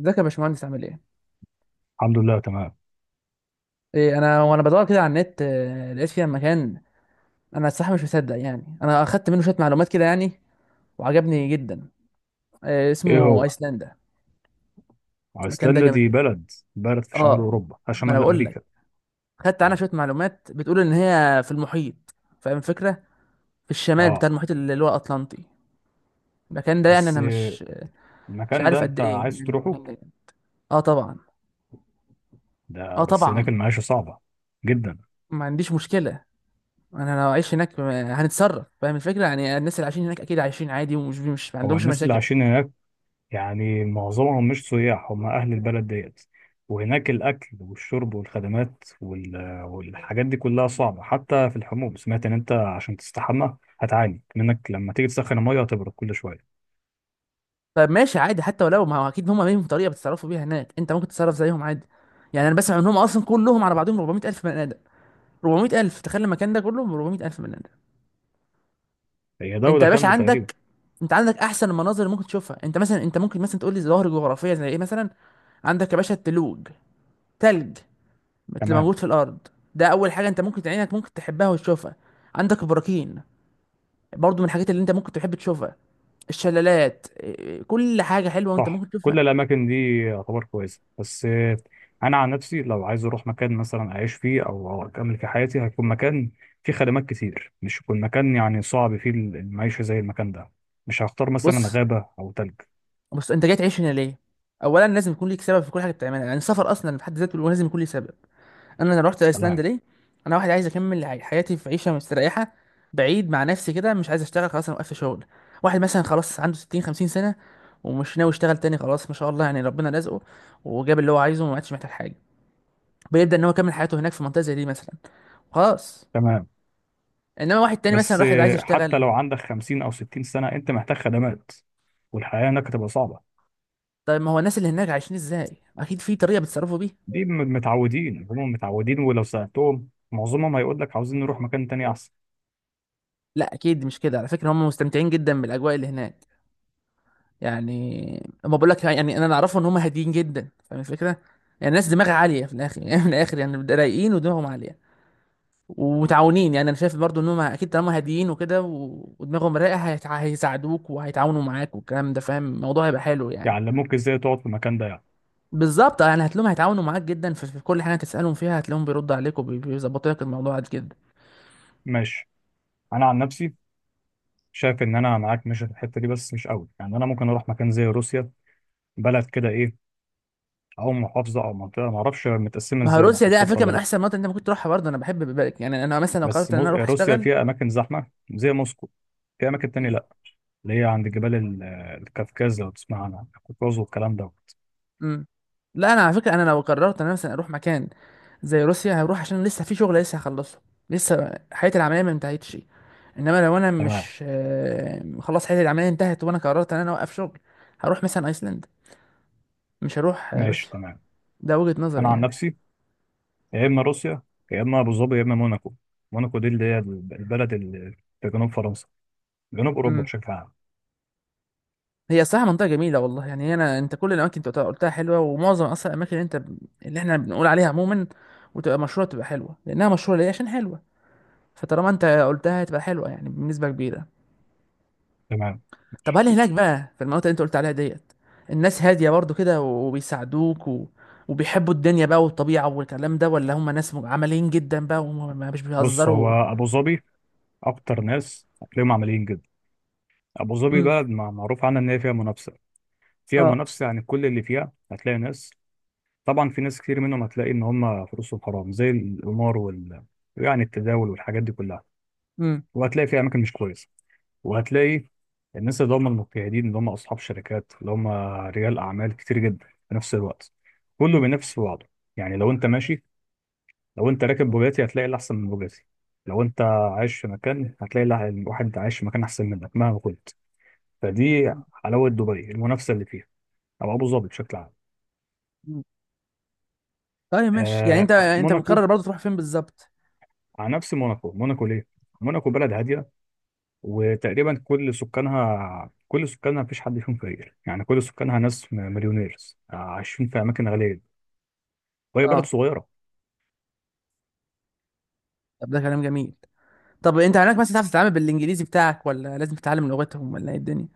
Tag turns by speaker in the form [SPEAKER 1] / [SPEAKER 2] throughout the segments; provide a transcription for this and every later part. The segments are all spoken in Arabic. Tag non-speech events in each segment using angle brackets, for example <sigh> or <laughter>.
[SPEAKER 1] ازيك يا باشمهندس عامل ايه؟
[SPEAKER 2] الحمد لله تمام.
[SPEAKER 1] ايه، انا وانا بدور كده على النت، لقيت فيها مكان. انا الصراحه مش مصدق، يعني انا اخدت منه شويه معلومات كده يعني. وعجبني جدا.
[SPEAKER 2] ايه
[SPEAKER 1] اسمه
[SPEAKER 2] هو.
[SPEAKER 1] ايسلندا. المكان ده
[SPEAKER 2] ايسلندا
[SPEAKER 1] جامد
[SPEAKER 2] دي
[SPEAKER 1] جدا.
[SPEAKER 2] بلد في شمال
[SPEAKER 1] اه،
[SPEAKER 2] اوروبا،
[SPEAKER 1] ما انا
[SPEAKER 2] شمال
[SPEAKER 1] بقول لك،
[SPEAKER 2] امريكا.
[SPEAKER 1] خدت عنها
[SPEAKER 2] تمام.
[SPEAKER 1] شويه معلومات، بتقول ان هي في المحيط. فاهم الفكره؟ في الشمال بتاع
[SPEAKER 2] اه
[SPEAKER 1] المحيط اللي هو الاطلنطي. المكان ده يعني
[SPEAKER 2] بس
[SPEAKER 1] انا
[SPEAKER 2] آه،
[SPEAKER 1] مش
[SPEAKER 2] المكان ده
[SPEAKER 1] عارف قد
[SPEAKER 2] انت
[SPEAKER 1] ايه،
[SPEAKER 2] عايز
[SPEAKER 1] يعني
[SPEAKER 2] تروحه؟
[SPEAKER 1] المكان ده. اه طبعا.
[SPEAKER 2] ده
[SPEAKER 1] اه
[SPEAKER 2] بس هناك
[SPEAKER 1] طبعا،
[SPEAKER 2] المعيشه صعبه جدا.
[SPEAKER 1] ما عنديش مشكله. انا لو عايش هناك، هنتصرف. فاهم الفكره؟ يعني الناس اللي عايشين هناك اكيد عايشين عادي، ومش مش ما
[SPEAKER 2] هو
[SPEAKER 1] عندهمش
[SPEAKER 2] الناس اللي
[SPEAKER 1] مشاكل يعني.
[SPEAKER 2] عايشين هناك يعني معظمهم مش سياح، هم اهل البلد ديت. وهناك الاكل والشرب والخدمات وال... والحاجات دي كلها صعبه، حتى في الحموم سمعت ان انت عشان تستحمى هتعاني منك لما تيجي تسخن الميه هتبرد كل شويه.
[SPEAKER 1] طب ماشي عادي حتى ولو، ما هو اكيد هم ليهم طريقه بيتصرفوا بيها هناك، انت ممكن تتصرف زيهم عادي. يعني انا بسمع ان هم اصلا كلهم على بعضهم 400000 بني ادم. 400000، تخيل المكان ده كله ب 400000 بني ادم.
[SPEAKER 2] هي
[SPEAKER 1] انت
[SPEAKER 2] دوله
[SPEAKER 1] يا باشا
[SPEAKER 2] كامله تقريبا.
[SPEAKER 1] عندك، انت عندك احسن المناظر اللي ممكن تشوفها. انت مثلا، انت ممكن مثلا تقول لي ظواهر جغرافيه زي ايه مثلا. عندك يا باشا التلوج، تلج اللي
[SPEAKER 2] تمام.
[SPEAKER 1] موجود في الارض. ده اول حاجه انت ممكن عينك ممكن تحبها وتشوفها. عندك البراكين، برضو من الحاجات اللي انت ممكن تحب تشوفها. الشلالات، إيه، كل حاجه حلوه انت
[SPEAKER 2] صح،
[SPEAKER 1] ممكن
[SPEAKER 2] كل
[SPEAKER 1] تشوفها.
[SPEAKER 2] الاماكن دي يعتبر كويسه بس، انا عن نفسي لو عايز اروح مكان مثلا اعيش فيه او اكمل في حياتي، هيكون مكان فيه خدمات كتير، مش يكون مكان يعني صعب فيه المعيشه زي المكان ده. مش هختار مثلا
[SPEAKER 1] بص،
[SPEAKER 2] غابه او تلج.
[SPEAKER 1] بص انت جاي تعيش هنا ليه؟ اولا لازم يكون ليك سبب في كل حاجه بتعملها، يعني السفر اصلا في حد ذاته لازم يكون ليه سبب. انا رحت ايسلندا
[SPEAKER 2] تمام
[SPEAKER 1] ليه؟ انا واحد عايز اكمل حياتي في عيشه مستريحه، بعيد مع نفسي كده، مش عايز اشتغل خلاص، انا وقفت شغل. واحد مثلا خلاص عنده 60 50 سنه ومش ناوي يشتغل تاني، خلاص ما شاء الله، يعني ربنا رزقه وجاب اللي هو عايزه وما عادش محتاج حاجه. بيبدا ان هو يكمل حياته هناك في منطقه زي دي مثلا. خلاص.
[SPEAKER 2] تمام.
[SPEAKER 1] انما واحد تاني مثلا
[SPEAKER 2] بس
[SPEAKER 1] راح عايز
[SPEAKER 2] آه، حتى
[SPEAKER 1] يشتغل.
[SPEAKER 2] لو عندك 50 او 60 سنه انت محتاج خدمات، والحياه هناك هتبقى صعبه.
[SPEAKER 1] طيب ما هو الناس اللي هناك عايشين ازاي؟ اكيد في طريقه بيتصرفوا بيها.
[SPEAKER 2] دي متعودين، هم متعودين، ولو سالتهم معظمهم هيقول لك عاوزين نروح مكان تاني احسن.
[SPEAKER 1] لا اكيد مش كده على فكره، هم مستمتعين جدا بالاجواء اللي هناك. يعني اما بقول لك، يعني انا اللي اعرفه ان هم هاديين جدا، فاهم الفكره؟ يعني الناس دماغها عاليه في الاخر <laughs> يعني من الاخر، يعني رايقين ودماغهم عاليه ومتعاونين. يعني انا شايف برضو ان هم اكيد طالما هاديين وكده ودماغهم رايقه، هيساعدوك وهيتعاونوا معاك والكلام ده، فاهم الموضوع؟ هيبقى حلو يعني.
[SPEAKER 2] يعلموك ازاي تقعد في المكان ده يعني.
[SPEAKER 1] بالظبط، يعني هتلاقيهم هيتعاونوا معاك جدا في كل حاجه تسالهم فيها، هتلاقيهم بيردوا عليك وبيظبطوا لك الموضوع جدا.
[SPEAKER 2] ماشي. انا عن نفسي شايف ان انا معاك ماشي في الحته دي بس مش قوي، يعني انا ممكن اروح مكان زي روسيا. بلد كده ايه؟ او محافظه او منطقه، ما اعرفش متقسمه
[SPEAKER 1] ما هو
[SPEAKER 2] ازاي
[SPEAKER 1] روسيا دي على
[SPEAKER 2] محافظات
[SPEAKER 1] فكره
[SPEAKER 2] ولا
[SPEAKER 1] من
[SPEAKER 2] لا.
[SPEAKER 1] احسن المناطق اللي انت ممكن تروحها برضه. انا بحب بالك، يعني انا مثلا لو
[SPEAKER 2] بس
[SPEAKER 1] قررت ان انا اروح
[SPEAKER 2] روسيا
[SPEAKER 1] اشتغل.
[SPEAKER 2] فيها اماكن زحمه زي موسكو. في اماكن تانية
[SPEAKER 1] مم.
[SPEAKER 2] لا، اللي هي عند جبال الكافكاز، لو تسمع عنها الكوكاز والكلام دوت.
[SPEAKER 1] مم. لا انا على فكره، انا لو قررت ان انا مثلا اروح مكان زي روسيا، هروح عشان لسه في شغل لسه هخلصه، لسه حياتي العمليه ما انتهتش. انما لو انا
[SPEAKER 2] تمام.
[SPEAKER 1] مش، خلاص حياتي العمليه انتهت، وانا قررت ان انا اوقف شغل، هروح مثلا ايسلند، مش هروح
[SPEAKER 2] ماشي.
[SPEAKER 1] روسيا.
[SPEAKER 2] تمام.
[SPEAKER 1] ده وجهه نظري
[SPEAKER 2] انا عن
[SPEAKER 1] يعني.
[SPEAKER 2] نفسي، يا اما روسيا، يا اما ابو ظبي، يا اما موناكو. موناكو دي اللي هي البلد اللي في جنوب فرنسا، جنوب اوروبا بشكل عام.
[SPEAKER 1] هي صراحة منطقة جميلة والله، يعني أنا، أنت كل الأماكن أنت قلتها حلوة، ومعظم أصلا الأماكن اللي أنت اللي إحنا بنقول عليها عموما وتبقى مشهورة تبقى حلوة، لأنها مشهورة ليه؟ عشان حلوة. فطالما أنت قلتها هتبقى حلوة يعني بنسبة كبيرة.
[SPEAKER 2] تمام.
[SPEAKER 1] طب
[SPEAKER 2] ماشي.
[SPEAKER 1] هل هناك بقى في المناطق اللي أنت قلت عليها ديت الناس هادية برضو كده وبيساعدوك وبيحبوا الدنيا بقى والطبيعة والكلام ده، ولا هم ناس عمليين جدا بقى وما مش
[SPEAKER 2] بص، هو
[SPEAKER 1] بيهزروا؟
[SPEAKER 2] ابو ظبي اكتر ناس هتلاقيهم عمليين جدا. ابو ظبي
[SPEAKER 1] امم.
[SPEAKER 2] بلد معروف عنها ان هي فيها منافسه. فيها
[SPEAKER 1] اه.
[SPEAKER 2] منافسه، يعني كل اللي فيها هتلاقي ناس. طبعا في ناس كتير منهم هتلاقي ان هم فلوسهم حرام زي القمار وال يعني التداول والحاجات دي كلها.
[SPEAKER 1] امم.
[SPEAKER 2] وهتلاقي في اماكن مش كويسه. وهتلاقي الناس اللي هم المجتهدين، اللي هم اصحاب شركات، اللي هم رجال اعمال كتير جدا في نفس الوقت، كله
[SPEAKER 1] امم.
[SPEAKER 2] بينافس في بعضه. يعني لو انت راكب بوجاتي هتلاقي اللي احسن من بوجاتي. لو انت عايش في مكان هتلاقي الواحد عايش في مكان احسن منك مهما كنت. فدي حلاوة دبي، المنافسة اللي فيها، او ابو ظبي بشكل عام.
[SPEAKER 1] أمم. طيب ماشي، يعني أنت
[SPEAKER 2] آه،
[SPEAKER 1] أنت
[SPEAKER 2] موناكو.
[SPEAKER 1] مقرر برضو تروح فين بالظبط؟
[SPEAKER 2] على نفس موناكو. موناكو ليه؟ موناكو بلد هاديه، وتقريبا كل سكانها مفيش حد فيهم فقير، يعني كل سكانها ناس مليونيرز، عايشين في اماكن غاليه. وهي بلد
[SPEAKER 1] اه،
[SPEAKER 2] صغيره.
[SPEAKER 1] طب ده كلام جميل. طب انت هناك مثلا تعرف تتعامل بالانجليزي بتاعك ولا لازم تتعلم لغتهم ولا ايه الدنيا؟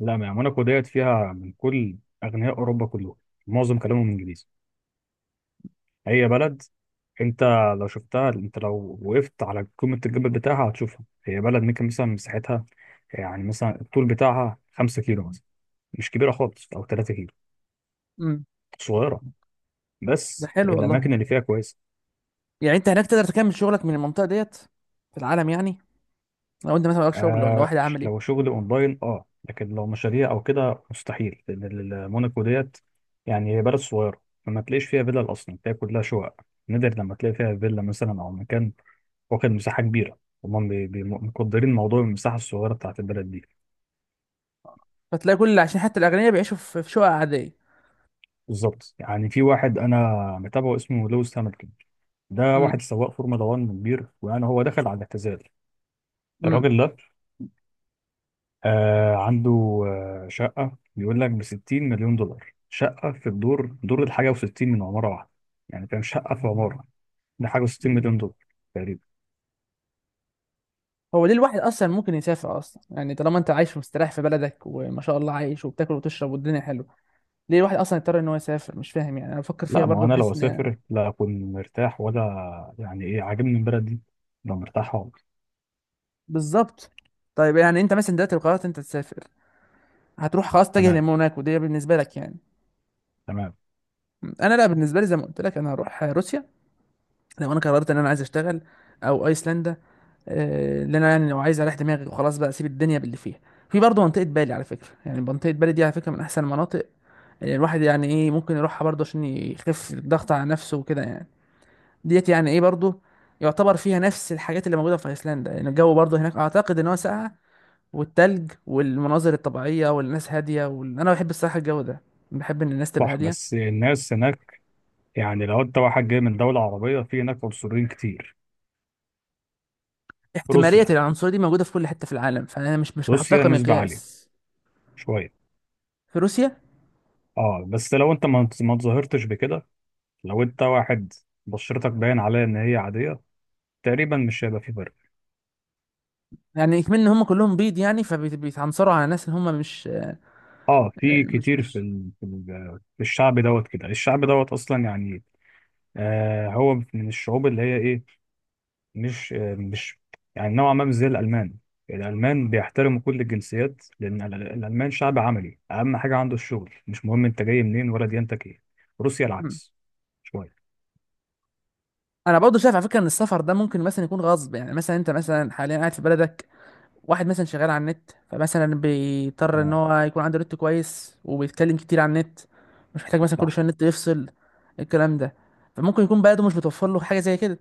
[SPEAKER 2] لا، ما يعني موناكو ديت فيها من كل اغنياء اوروبا كلهم. معظم كلامهم انجليزي. هي بلد، انت لو شفتها، انت لو وقفت على قمه الجبل بتاعها هتشوفها، هي بلد ممكن مثلا مساحتها يعني مثلا الطول بتاعها 5 كيلو مثلا، مش كبيره خالص او 3.
[SPEAKER 1] امم.
[SPEAKER 2] صغيرة،
[SPEAKER 1] ده
[SPEAKER 2] بس
[SPEAKER 1] حلو والله.
[SPEAKER 2] الأماكن اللي فيها كويسة.
[SPEAKER 1] يعني انت هناك تقدر تكمل شغلك من المنطقه ديت في العالم يعني؟ لو انت مثلا وراك شغل ولا واحد عامل
[SPEAKER 2] لو
[SPEAKER 1] ايه؟
[SPEAKER 2] شغل أونلاين، لكن لو مشاريع أو كده مستحيل، لأن موناكو ديت يعني هي بلد صغيرة، فما تلاقيش فيها فيلا أصلا، تلاقي كلها شقق. نادر لما تلاقي فيها فيلا مثلا أو مكان واخد مساحة كبيرة. هما مقدرين موضوع المساحة الصغيرة بتاعت البلد دي.
[SPEAKER 1] فتلاقي كل عشان حتى الاغنياء بيعيشوا في شقق عاديه.
[SPEAKER 2] بالظبط، يعني في واحد أنا متابعه اسمه لويس هامilton. ده
[SPEAKER 1] امم.
[SPEAKER 2] واحد سواق فورمولا 1 كبير، ويعني هو دخل على الاعتزال.
[SPEAKER 1] امم.
[SPEAKER 2] الراجل ده عنده شقة بيقول لك بـ60 مليون دولار، شقة في الدور، دور الـ61 من عمارة واحدة. يعني فاهم، شقة في عمارة، دي حاجة وستين
[SPEAKER 1] امم.
[SPEAKER 2] مليون دولار تقريبا.
[SPEAKER 1] هو ليه الواحد اصلا ممكن يسافر اصلا؟ يعني طالما انت عايش ومستريح في بلدك وما شاء الله عايش وبتاكل وتشرب والدنيا حلوه، ليه الواحد اصلا يضطر ان هو يسافر؟ مش فاهم. يعني انا بفكر فيها
[SPEAKER 2] لا ما هو
[SPEAKER 1] برضه،
[SPEAKER 2] أنا لو
[SPEAKER 1] بحس ان.
[SPEAKER 2] أسافر لا أكون مرتاح، ولا يعني إيه عاجبني البلد دي أبقى مرتاح خالص.
[SPEAKER 1] بالظبط. طيب يعني انت مثلا دلوقتي لو قررت انت تسافر هتروح خلاص تتجه
[SPEAKER 2] تمام
[SPEAKER 1] لموناكو دي بالنسبه لك يعني؟
[SPEAKER 2] تمام.
[SPEAKER 1] انا لا، بالنسبه لي زي ما قلت لك، انا هروح روسيا لو انا قررت ان انا عايز اشتغل، او ايسلندا، اللي انا يعني لو عايز اريح دماغي وخلاص بقى اسيب الدنيا باللي فيها. في برضه منطقه بالي على فكره، يعني منطقه بالي دي على فكره من احسن المناطق، يعني الواحد يعني ايه، ممكن يروحها برضه عشان يخف الضغط على نفسه وكده يعني. ديت يعني ايه برضه يعتبر فيها نفس الحاجات اللي موجوده في ايسلندا، يعني الجو برضه هناك اعتقد ان هو ساقع، والتلج والمناظر الطبيعيه والناس هاديه انا بحب الصراحه الجو ده، بحب ان الناس تبقى
[SPEAKER 2] صح
[SPEAKER 1] هاديه.
[SPEAKER 2] بس الناس هناك يعني لو أنت واحد جاي من دولة عربية، في هناك عنصريين كتير.
[SPEAKER 1] احتمالية
[SPEAKER 2] روسيا،
[SPEAKER 1] العنصرية دي موجودة في كل حتة في العالم، فأنا مش بحطها
[SPEAKER 2] روسيا نسبة عالية
[SPEAKER 1] كمقياس.
[SPEAKER 2] شوية.
[SPEAKER 1] في روسيا،
[SPEAKER 2] اه بس لو انت ما تظاهرتش بكده، لو انت واحد بشرتك باين عليها ان هي عاديه، تقريبا مش هيبقى في فرق.
[SPEAKER 1] يعني كمان إن هم كلهم بيض يعني فبيتعنصروا على ناس اللي هم مش،
[SPEAKER 2] اه، في
[SPEAKER 1] مش
[SPEAKER 2] كتير،
[SPEAKER 1] مش
[SPEAKER 2] في الشعب دوت كده، الشعب دوت اصلا يعني، هو من الشعوب اللي هي ايه. مش، يعني نوعا ما مش زي الالمان. الالمان بيحترموا كل الجنسيات، لان الالمان شعب عملي، اهم حاجه عنده الشغل، مش مهم انت جاي منين ولا ديانتك ايه. روسيا
[SPEAKER 1] مم.
[SPEAKER 2] العكس شويه.
[SPEAKER 1] أنا برضه شايف على فكرة إن السفر ده ممكن مثلا يكون غصب، يعني مثلا أنت مثلا حاليا قاعد في بلدك، واحد مثلا شغال على النت فمثلا بيضطر إن
[SPEAKER 2] تمام.
[SPEAKER 1] هو يكون عنده نت كويس وبيتكلم كتير على النت، مش محتاج مثلا
[SPEAKER 2] صح.
[SPEAKER 1] كل شوية النت يفصل، الكلام ده. فممكن يكون بلده مش بتوفر له حاجة زي كده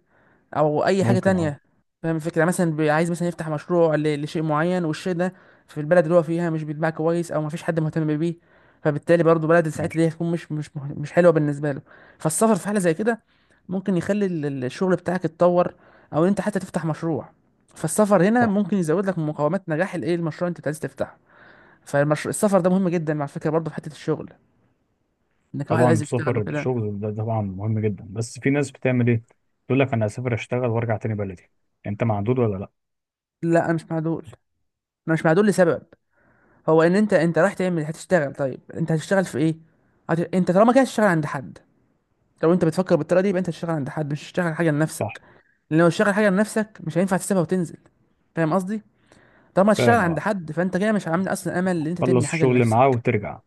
[SPEAKER 1] او اي حاجه
[SPEAKER 2] ممكن اه.
[SPEAKER 1] تانية. فاهم الفكره؟ يعني مثلا عايز مثلا يفتح مشروع لشيء معين، والشيء ده في البلد اللي هو فيها مش بيتباع كويس او مفيش حد مهتم بيه، فبالتالي برضه بلد ساعتها
[SPEAKER 2] ماشي.
[SPEAKER 1] دي هتكون مش حلوه بالنسبه له. فالسفر في حاله زي كده ممكن يخلي الشغل بتاعك يتطور، او ان انت حتى تفتح مشروع. فالسفر هنا
[SPEAKER 2] صح،
[SPEAKER 1] ممكن يزود لك من مقومات نجاح الايه المشروع اللي انت عايز تفتحه. فالمشروع، السفر ده مهم جدا، مع فكره برضه في حته الشغل، انك واحد
[SPEAKER 2] طبعا
[SPEAKER 1] عايز يشتغل
[SPEAKER 2] السفر
[SPEAKER 1] وكده.
[SPEAKER 2] الشغل ده طبعا مهم جدا، بس في ناس بتعمل ايه، تقول لك انا هسافر اشتغل وارجع تاني بلدي، انت معدود ولا لا؟
[SPEAKER 1] لا انا مش مع دول. انا مش مع دول لسبب، هو ان انت رايح تعمل هتشتغل، طيب انت هتشتغل في ايه؟ انت طالما كده هتشتغل عند حد. لو انت بتفكر بالطريقه دي يبقى انت هتشتغل عند حد، مش هتشتغل حاجه
[SPEAKER 2] صح
[SPEAKER 1] لنفسك. لان لو تشتغل حاجه لنفسك مش هينفع تسيبها وتنزل، فاهم قصدي؟ طالما هتشتغل
[SPEAKER 2] فاهم
[SPEAKER 1] عند
[SPEAKER 2] اه،
[SPEAKER 1] حد فانت كده مش عامل اصلا امل ان انت تبني
[SPEAKER 2] تخلص
[SPEAKER 1] حاجه
[SPEAKER 2] الشغل اللي معاه
[SPEAKER 1] لنفسك.
[SPEAKER 2] وترجع.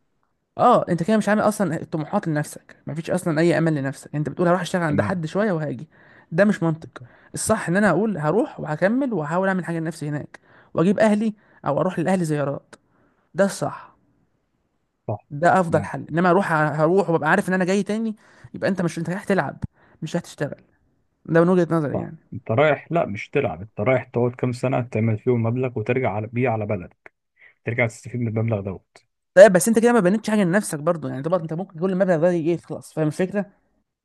[SPEAKER 1] اه، انت كده مش عامل اصلا طموحات لنفسك، مفيش اصلا اي امل لنفسك، انت بتقول هروح اشتغل عند
[SPEAKER 2] تمام.
[SPEAKER 1] حد شويه وهاجي. ده مش منطق. الصح ان انا اقول هروح وهكمل وهحاول اعمل حاجه لنفسي هناك، واجيب اهلي او اروح لاهلي زيارات. ده الصح،
[SPEAKER 2] صح.
[SPEAKER 1] ده افضل
[SPEAKER 2] تمام.
[SPEAKER 1] حل. انما هروح وابقى عارف ان انا جاي تاني، يبقى انت مش، انت رايح تلعب، مش رايح تشتغل. ده من وجهة نظري
[SPEAKER 2] صح،
[SPEAKER 1] يعني.
[SPEAKER 2] انت رايح لا مش تلعب، انت رايح تقعد كام سنه تعمل فيهم مبلغ وترجع على بيه على بلدك، ترجع تستفيد من المبلغ دوت.
[SPEAKER 1] طيب بس انت كده ما بنيتش حاجه لنفسك برضو، يعني طبعا انت ممكن كل المبلغ ده يخلص، فاهم الفكره؟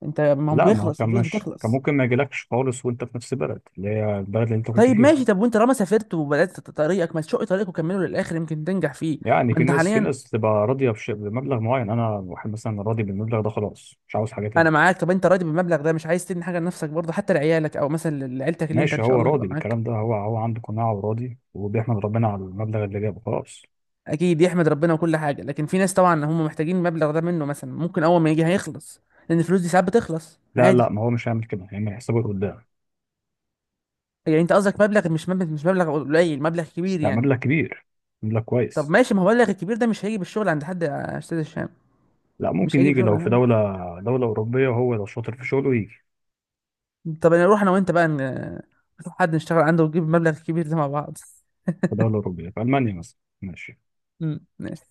[SPEAKER 1] انت ما هو
[SPEAKER 2] لا ما هو
[SPEAKER 1] بيخلص
[SPEAKER 2] كان
[SPEAKER 1] الفلوس
[SPEAKER 2] مش كان
[SPEAKER 1] بتخلص.
[SPEAKER 2] ممكن ما يجيلكش خالص وانت في نفس البلد اللي هي البلد اللي انت كنت
[SPEAKER 1] طيب ماشي،
[SPEAKER 2] فيها.
[SPEAKER 1] طب وانت لما سافرت وبدات طريقك، ما تشق طريقك وكمله للاخر يمكن تنجح فيه.
[SPEAKER 2] يعني
[SPEAKER 1] ما
[SPEAKER 2] في
[SPEAKER 1] انت
[SPEAKER 2] ناس في
[SPEAKER 1] حاليا،
[SPEAKER 2] ناس تبقى راضيه بمبلغ معين، انا واحد مثلا راضي بالمبلغ ده، خلاص مش عاوز حاجه
[SPEAKER 1] انا
[SPEAKER 2] تاني.
[SPEAKER 1] معاك، طب انت راضي بالمبلغ ده مش عايز تدي حاجه لنفسك برضه حتى لعيالك او مثلا لعيلتك اللي انت ان
[SPEAKER 2] ماشي،
[SPEAKER 1] شاء
[SPEAKER 2] هو
[SPEAKER 1] الله هتبقى
[SPEAKER 2] راضي
[SPEAKER 1] معاك؟
[SPEAKER 2] بالكلام ده، هو عنده قناعة وراضي، وبيحمد ربنا على المبلغ اللي جابه خلاص.
[SPEAKER 1] اكيد يحمد ربنا وكل حاجه، لكن في ناس طبعا هم محتاجين المبلغ ده منه، مثلا ممكن اول ما يجي هيخلص، لان الفلوس دي ساعات بتخلص
[SPEAKER 2] لا لا،
[SPEAKER 1] عادي.
[SPEAKER 2] ما هو مش هيعمل كده، هيعمل حسابه لقدام.
[SPEAKER 1] يعني انت قصدك مبلغ، مش مبلغ، مش مبلغ قليل، مبلغ كبير
[SPEAKER 2] لا،
[SPEAKER 1] يعني.
[SPEAKER 2] مبلغ كبير، مبلغ
[SPEAKER 1] طب
[SPEAKER 2] كويس.
[SPEAKER 1] ماشي، ما هو المبلغ الكبير ده مش هيجي بالشغل عند حد يا استاذ هشام،
[SPEAKER 2] لا،
[SPEAKER 1] مش
[SPEAKER 2] ممكن
[SPEAKER 1] هيجي
[SPEAKER 2] يجي
[SPEAKER 1] بشغل
[SPEAKER 2] لو
[SPEAKER 1] عند
[SPEAKER 2] في
[SPEAKER 1] حد.
[SPEAKER 2] دولة أوروبية، وهو لو شاطر في شغله يجي.
[SPEAKER 1] طب انا اروح انا وانت بقى نشوف حد نشتغل عنده، ونجيب المبلغ الكبير ده مع بعض <laughs>
[SPEAKER 2] في دولة أوروبية في ألمانيا مثلا، ماشي.
[SPEAKER 1] امم. ماشي.